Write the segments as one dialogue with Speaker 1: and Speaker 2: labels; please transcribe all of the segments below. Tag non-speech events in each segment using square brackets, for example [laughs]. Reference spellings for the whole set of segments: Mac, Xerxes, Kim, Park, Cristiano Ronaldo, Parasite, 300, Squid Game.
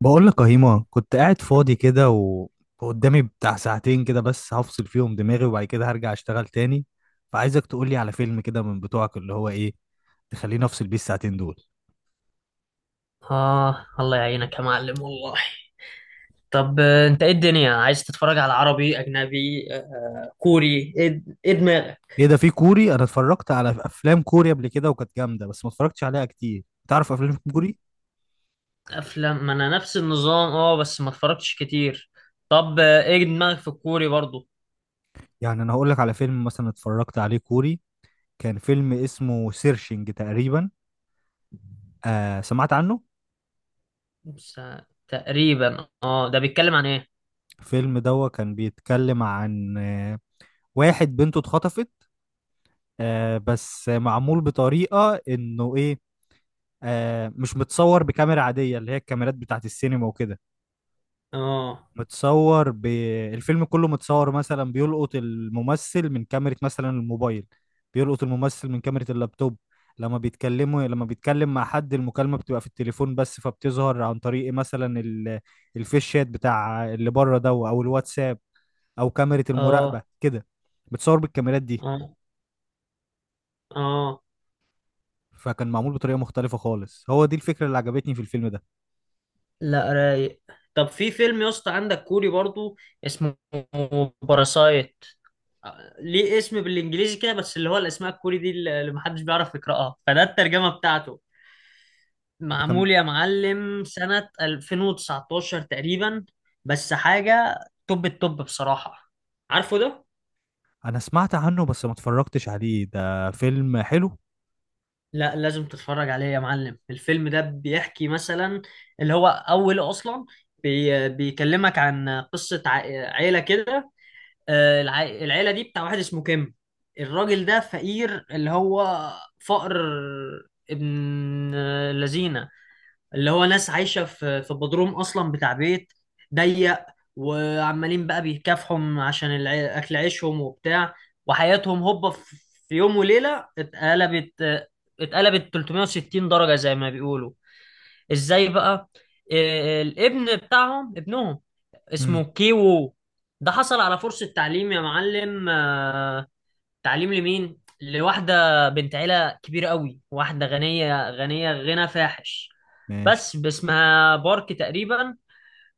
Speaker 1: بقول لك يا هيما، كنت قاعد فاضي كده وقدامي بتاع ساعتين كده بس هفصل فيهم دماغي، وبعد كده هرجع اشتغل تاني. فعايزك تقولي على فيلم كده من بتوعك، اللي هو ايه تخليني افصل بيه الساعتين دول.
Speaker 2: آه، الله يعينك يا معلم والله. طب، أنت إيه الدنيا؟ عايز تتفرج على عربي، أجنبي، كوري؟ إيه دماغك؟
Speaker 1: ايه ده؟ في كوري؟ انا اتفرجت على افلام كوري قبل كده وكانت جامدة، بس ما اتفرجتش عليها كتير. تعرف افلام كوري؟
Speaker 2: أفلام؟ ما أنا نفس النظام، بس ما اتفرجتش كتير. طب، إيه دماغك في الكوري برضو؟
Speaker 1: يعني انا هقول لك على فيلم مثلا اتفرجت عليه كوري. كان فيلم اسمه سيرشنج تقريبا. آه سمعت عنه.
Speaker 2: بس، تقريبا. ده بيتكلم عن إيه؟
Speaker 1: الفيلم ده كان بيتكلم عن واحد بنته اتخطفت. آه بس معمول بطريقة انه ايه، مش متصور بكاميرا عادية اللي هي الكاميرات بتاعت السينما وكده.
Speaker 2: أه.
Speaker 1: متصور ب... الفيلم كله متصور، مثلا بيلقط الممثل من كاميرا مثلا الموبايل، بيلقط الممثل من كاميرا اللابتوب. لما بيتكلم مع حد، المكالمة بتبقى في التليفون بس، فبتظهر عن طريق مثلا الفيش شات بتاع اللي بره ده، او الواتساب، او كاميرا المراقبة
Speaker 2: أه.
Speaker 1: كده. بتصور بالكاميرات دي.
Speaker 2: أه. أه.
Speaker 1: فكان معمول بطريقة مختلفة خالص. هو دي الفكرة اللي عجبتني في الفيلم ده.
Speaker 2: لا، رايق. طب، في فيلم يا اسطى عندك كوري برضو، اسمه باراسايت. ليه اسم بالانجليزي كده؟ بس اللي هو الاسماء الكوري دي اللي محدش بيعرف يقراها، فده الترجمه بتاعته.
Speaker 1: ده كان.
Speaker 2: معمول يا معلم سنه 2019 تقريبا، بس حاجه توب التوب بصراحه. عارفه ده؟
Speaker 1: أنا سمعت عنه بس ما اتفرجتش عليه. ده فيلم حلو.
Speaker 2: لا، لازم تتفرج عليه يا معلم. الفيلم ده بيحكي مثلا، اللي هو اوله اصلا، بيكلمك عن قصه عيله كده. العيلة دي بتاع واحد اسمه كيم. الراجل ده فقير، اللي هو فقر ابن لذينة، اللي هو ناس عايشة في بدروم أصلا بتاع بيت ضيق، وعمالين بقى بيكافحوا عشان أكل عيشهم وبتاع. وحياتهم هوبا في يوم وليلة اتقلبت، 360 درجة زي ما بيقولوا. ازاي بقى؟ الابن بتاعهم، ابنهم
Speaker 1: امم.
Speaker 2: اسمه كيوو، ده حصل على فرصة تعليم يا معلم، تعليم لمين؟ لواحدة بنت عيلة كبيرة قوي، واحدة غنية غنية غنى فاحش،
Speaker 1: ماشي.
Speaker 2: بس اسمها بارك تقريبا.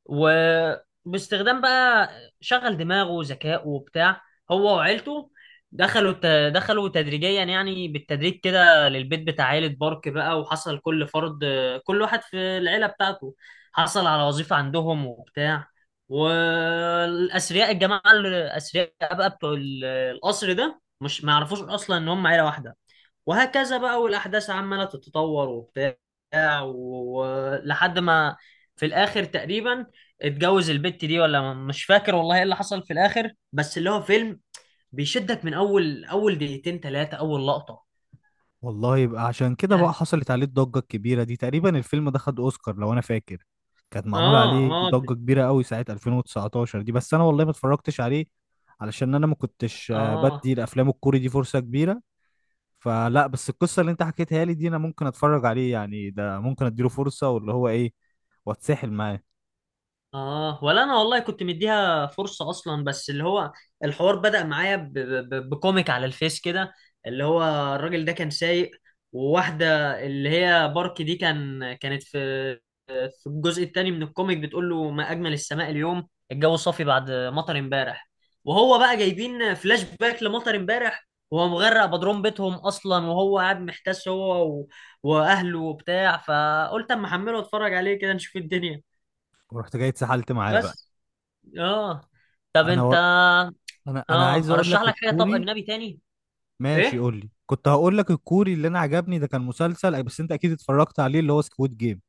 Speaker 2: وباستخدام بقى شغل دماغه وذكائه وبتاع، هو وعيلته، دخلوا تدريجيا يعني بالتدريج كده للبيت بتاع عيلة بارك بقى، وحصل كل فرد، كل واحد في العيلة بتاعته، حصل على وظيفة عندهم وبتاع. والأثرياء، الجماعة الأثرياء بقى، بتوع القصر ده مش ما يعرفوش أصلا إن هم عيلة واحدة. وهكذا بقى، والأحداث عمالة تتطور وبتاع، ولحد ما في الآخر تقريبا اتجوز البت دي، ولا مش فاكر والله ايه اللي حصل في الآخر، بس اللي هو فيلم بيشدك من أول أول دقيقتين ثلاثة، أول لقطة.
Speaker 1: والله يبقى عشان كده بقى حصلت عليه الضجة الكبيرة دي. تقريبا الفيلم ده خد أوسكار لو أنا فاكر. كانت معمول
Speaker 2: اه.
Speaker 1: عليه
Speaker 2: اه.
Speaker 1: ضجة كبيرة قوي ساعة 2019 دي، بس أنا والله ما اتفرجتش عليه، علشان أنا ما كنتش بدي
Speaker 2: اه.
Speaker 1: الأفلام الكوري دي فرصة كبيرة. فلا، بس القصة اللي أنت حكيتها لي دي أنا ممكن أتفرج عليه، يعني ده ممكن أديله فرصة، واللي هو إيه، واتسحل معاه.
Speaker 2: اه. ولا انا والله كنت مديها فرصه اصلا، بس اللي هو الحوار بدأ معايا بكوميك على الفيس كده، اللي هو الراجل ده كان سايق، وواحده اللي هي بارك دي كانت في الجزء الثاني من الكوميك بتقول له: ما اجمل السماء اليوم، الجو صافي بعد مطر امبارح. وهو بقى جايبين فلاش باك لمطر امبارح، وهو مغرق بضرمبتهم اصلا، وهو قاعد محتاس هو واهله وبتاع. فقلت اما احمله واتفرج عليه كده، نشوف الدنيا.
Speaker 1: ورحت جاي اتسحلت معاه بقى.
Speaker 2: بس. اه. طب
Speaker 1: انا
Speaker 2: انت.
Speaker 1: و... انا عايز
Speaker 2: اه
Speaker 1: اقول
Speaker 2: ارشح
Speaker 1: لك
Speaker 2: لك حاجه. طب،
Speaker 1: الكوري.
Speaker 2: اجنبي تاني؟
Speaker 1: ماشي
Speaker 2: ايه؟
Speaker 1: قول لي. كنت هقول لك الكوري اللي انا عجبني ده، كان مسلسل بس انت اكيد اتفرجت عليه، اللي هو سكويد جيم.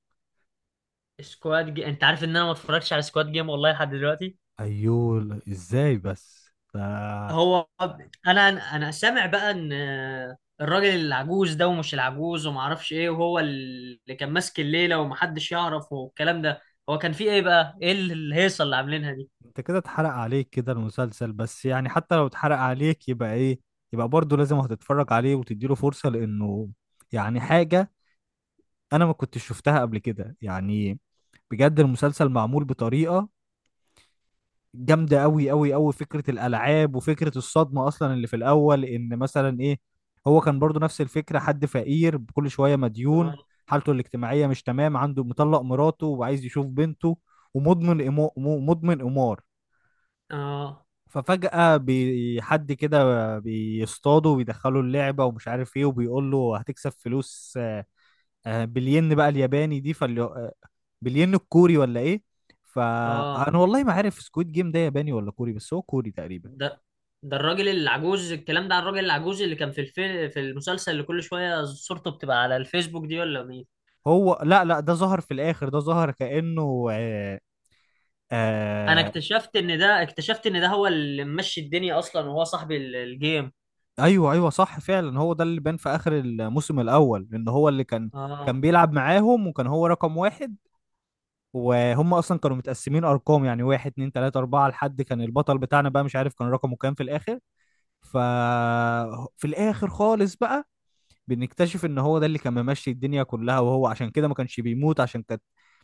Speaker 2: انت عارف ان انا ما اتفرجتش على سكواد جيم والله لحد دلوقتي؟
Speaker 1: ايوه لا، ازاي بس ده؟
Speaker 2: هو انا انا سامع بقى ان الراجل العجوز ده، ومش العجوز وما اعرفش ايه، وهو اللي كان ماسك الليله ومحدش يعرف والكلام ده. هو كان فيه ايه بقى؟ ايه الهيصه اللي عاملينها دي؟
Speaker 1: انت كده اتحرق عليك كده المسلسل، بس يعني حتى لو اتحرق عليك يبقى ايه؟ يبقى برضه لازم هتتفرج عليه وتديله فرصة، لانه يعني حاجة انا ما كنتش شفتها قبل كده يعني. بجد المسلسل معمول بطريقة جامده قوي قوي قوي. فكره الالعاب وفكره الصدمه اصلا اللي في الاول، ان مثلا ايه، هو كان برضو نفس الفكره، حد فقير كل شويه مديون،
Speaker 2: اه.
Speaker 1: حالته الاجتماعيه مش تمام، عنده مطلق مراته وعايز يشوف بنته، ومدمن مدمن قمار.
Speaker 2: اه.
Speaker 1: ففجأة حد كده بيصطاده ويدخله اللعبة ومش عارف ايه وبيقول له هتكسب فلوس. بالين بقى الياباني دي، فاللي آه، بالين الكوري ولا ايه؟
Speaker 2: اه.
Speaker 1: فانا والله ما عارف سكويد جيم ده ياباني ولا كوري، بس هو كوري تقريبا.
Speaker 2: ده ده الراجل العجوز، الكلام ده عن الراجل العجوز اللي كان في في المسلسل، اللي كل شويه صورته بتبقى على الفيسبوك دي ولا مين؟
Speaker 1: هو لا لا، ده ظهر في الاخر، ده ظهر كأنه
Speaker 2: انا
Speaker 1: آه.
Speaker 2: اكتشفت ان ده اكتشفت ان ده هو اللي ممشي الدنيا اصلا، وهو صاحب الجيم.
Speaker 1: ايوه ايوه صح فعلا، هو ده اللي بان في اخر الموسم الاول، لان هو اللي كان،
Speaker 2: اه.
Speaker 1: كان بيلعب معاهم وكان هو رقم واحد. وهم اصلا كانوا متقسمين ارقام، يعني واحد اتنين تلاته اربعه لحد كان البطل بتاعنا بقى، مش عارف كان رقمه كام في الاخر. ففي الاخر خالص بقى بنكتشف ان هو ده اللي كان ممشي الدنيا كلها. وهو عشان كده ما كانش بيموت، عشان كانت،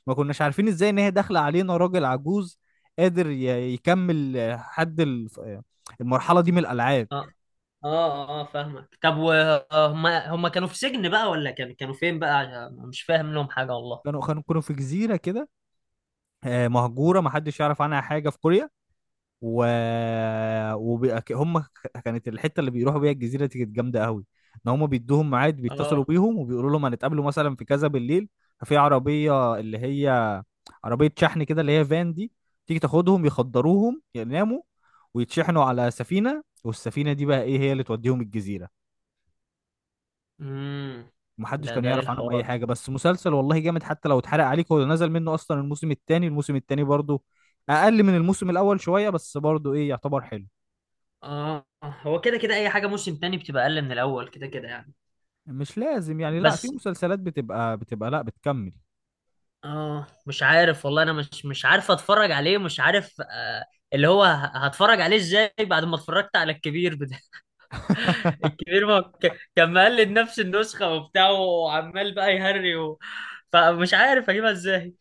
Speaker 1: ما كناش عارفين ازاي ان هي داخله علينا راجل عجوز قادر يكمل آه، حد الف- آه، المرحله دي من الالعاب.
Speaker 2: اه. اه. اه. فاهمك. طب، وهم كانوا في سجن بقى، ولا كانوا فين بقى؟ عشان مش فاهم لهم حاجة والله.
Speaker 1: كانوا في جزيره كده مهجوره، ما حدش يعرف عنها حاجه في كوريا. و، وبيبقى ك- هم ك- كانت الحته اللي بيروحوا بيها الجزيره دي كانت جامده قوي. ان هم بيدوهم ميعاد، بيتصلوا
Speaker 2: اه.
Speaker 1: بيهم وبيقولوا لهم هنتقابلوا مثلا في كذا بالليل. ففي عربيه اللي هي عربية شحن كده، اللي هي فان دي، تيجي تاخدهم يخدروهم يناموا ويتشحنوا على سفينة، والسفينة دي بقى ايه هي اللي توديهم الجزيرة.
Speaker 2: امم
Speaker 1: محدش
Speaker 2: ده
Speaker 1: كان
Speaker 2: ده ايه
Speaker 1: يعرف عنهم اي
Speaker 2: الحوارات دي؟
Speaker 1: حاجة. بس مسلسل والله جامد، حتى لو اتحرق عليك، هو نزل منه اصلا الموسم التاني. الموسم التاني برضو اقل من الموسم الاول شوية، بس برضو ايه يعتبر حلو.
Speaker 2: اه. هو كده كده، اي حاجة موسم تاني بتبقى اقل من الاول كده كده يعني.
Speaker 1: مش لازم يعني، لا، في
Speaker 2: بس،
Speaker 1: مسلسلات بتبقى لا، بتكمل.
Speaker 2: اه مش عارف والله. انا مش عارف اتفرج عليه، مش عارف اللي هو هتفرج عليه ازاي بعد ما اتفرجت على الكبير؟ الكبير ما كان مقلد نفس النسخة وبتاع، وعمال بقى يهري فمش عارف اجيبها ازاي.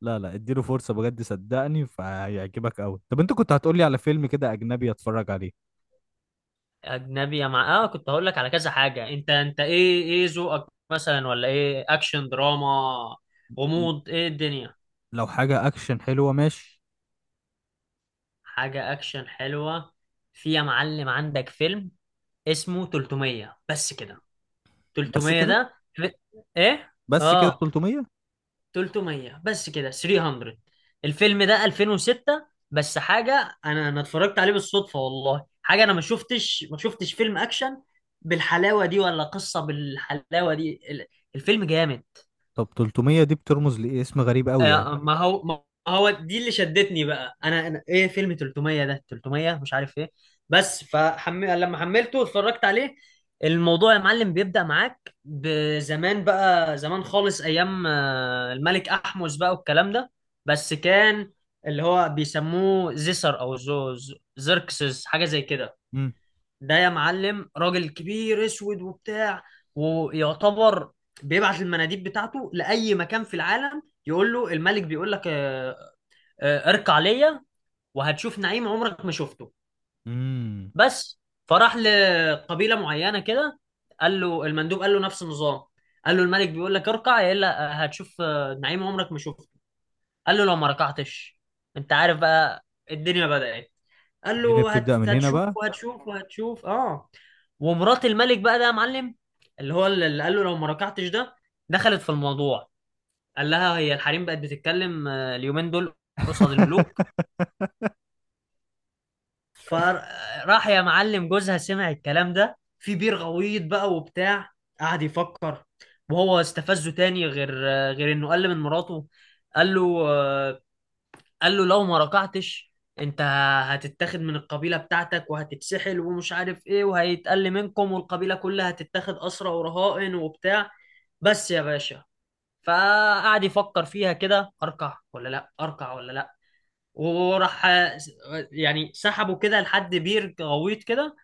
Speaker 1: لا لا، اديله فرصة بجد صدقني فهيعجبك قوي. طب انت كنت هتقولي على فيلم كده اجنبي اتفرج عليه.
Speaker 2: اجنبي؟ يا مع اه كنت هقول لك على كذا حاجة. انت ايه ذوقك مثلا ولا ايه، اكشن، دراما،
Speaker 1: م-
Speaker 2: غموض، ايه الدنيا؟
Speaker 1: لو حاجة اكشن حلوة ماشي.
Speaker 2: حاجة اكشن حلوة. في يا معلم عندك فيلم اسمه 300، بس كده.
Speaker 1: بس
Speaker 2: 300
Speaker 1: كده،
Speaker 2: ده ايه؟
Speaker 1: بس كده
Speaker 2: اه.
Speaker 1: 300.
Speaker 2: 300، بس كده. 300. الفيلم ده 2006، بس حاجه. انا اتفرجت عليه بالصدفه والله. حاجه، انا ما شفتش فيلم اكشن بالحلاوه دي، ولا قصه بالحلاوه دي. الفيلم جامد.
Speaker 1: طب 300 دي بترمز لإيه؟ اسم غريب قوي يعني.
Speaker 2: ما هو دي اللي شدتني بقى. انا ايه، فيلم 300 ده، 300 مش عارف ايه. بس لما حملته اتفرجت عليه. الموضوع يا معلم بيبدأ معاك بزمان بقى، زمان خالص، ايام الملك احمس بقى والكلام ده. بس كان اللي هو بيسموه زيسر، او زركسس، حاجة زي كده.
Speaker 1: امم.
Speaker 2: ده يا معلم راجل كبير اسود وبتاع، ويعتبر بيبعت المناديب بتاعته لاي مكان في العالم. يقول له: الملك بيقول لك اركع ليا، وهتشوف نعيم عمرك ما شفته.
Speaker 1: امم
Speaker 2: بس فراح لقبيله معينه كده، قال له المندوب قال له نفس النظام: قال له الملك بيقول لك اركع يا الا، هتشوف نعيم عمرك ما شفته. قال له لو ما ركعتش... انت عارف بقى، الدنيا بدأت. قال
Speaker 1: الدنيا
Speaker 2: له:
Speaker 1: بتبدأ من هنا
Speaker 2: هتشوف
Speaker 1: بقى.
Speaker 2: وهتشوف وهتشوف. اه. ومرات الملك بقى ده يا معلم، اللي هو اللي قال له لو ما ركعتش ده، دخلت في الموضوع. قال لها: هي الحريم بقت بتتكلم اليومين دول قصاد الملوك؟
Speaker 1: [laughs]
Speaker 2: فراح يا معلم، جوزها سمع الكلام ده في بير غويط بقى وبتاع، قعد يفكر. وهو استفزه تاني غير انه قل من مراته. قال له آه، قال له لو ما ركعتش: انت هتتاخد من القبيلة بتاعتك، وهتتسحل ومش عارف ايه، وهيتقل منكم، والقبيلة كلها هتتاخد أسرى ورهائن وبتاع. بس يا باشا. فقعد يفكر فيها كده: اركع ولا لا، اركع ولا لا؟ وراح، يعني سحبه كده لحد بير غويط كده،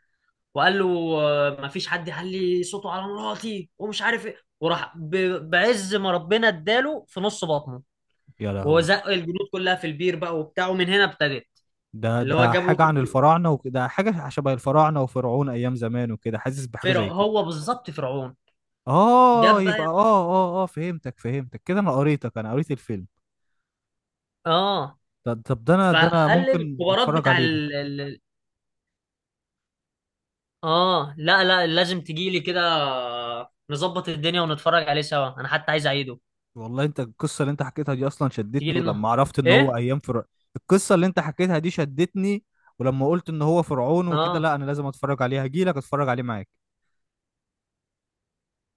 Speaker 2: وقال له: ما فيش حد يعلي صوته على مراتي ومش عارف ايه. وراح بعز ما ربنا اداله في نص بطنه،
Speaker 1: يا
Speaker 2: وهو
Speaker 1: لهوي!
Speaker 2: زق الجنود كلها في البير بقى وبتاعه. من هنا ابتدت.
Speaker 1: ده
Speaker 2: اللي هو
Speaker 1: ده
Speaker 2: جابوا
Speaker 1: حاجة عن
Speaker 2: تلت-
Speaker 1: الفراعنة وكده، حاجة شبه الفراعنة وفرعون أيام زمان وكده، حاسس بحاجة
Speaker 2: فرع
Speaker 1: زي كده.
Speaker 2: هو بالظبط فرعون،
Speaker 1: آه
Speaker 2: جاب بقى.
Speaker 1: يبقى، فهمتك فهمتك كده. أنا قريتك، أنا قريت الفيلم.
Speaker 2: اه.
Speaker 1: طب ده أنا
Speaker 2: فقلل
Speaker 1: ممكن
Speaker 2: الكبارات
Speaker 1: أتفرج
Speaker 2: بتاع
Speaker 1: عليه ده.
Speaker 2: اه. لا، لا، لازم تجيلي كده، نظبط الدنيا ونتفرج عليه سوا. انا حتى عايز اعيده.
Speaker 1: والله انت القصه اللي انت حكيتها دي اصلا
Speaker 2: تجيلي
Speaker 1: شدتني، ولما
Speaker 2: النهارده؟
Speaker 1: عرفت ان هو
Speaker 2: ايه؟
Speaker 1: ايام القصه اللي انت حكيتها دي شدتني، ولما قلت ان هو فرعون وكده،
Speaker 2: اه.
Speaker 1: لا انا لازم اتفرج عليها، هجيلك اتفرج عليه معاك.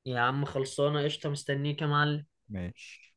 Speaker 2: يا عم، خلصانه قشطه، مستنيك يا معلم.
Speaker 1: ماشي.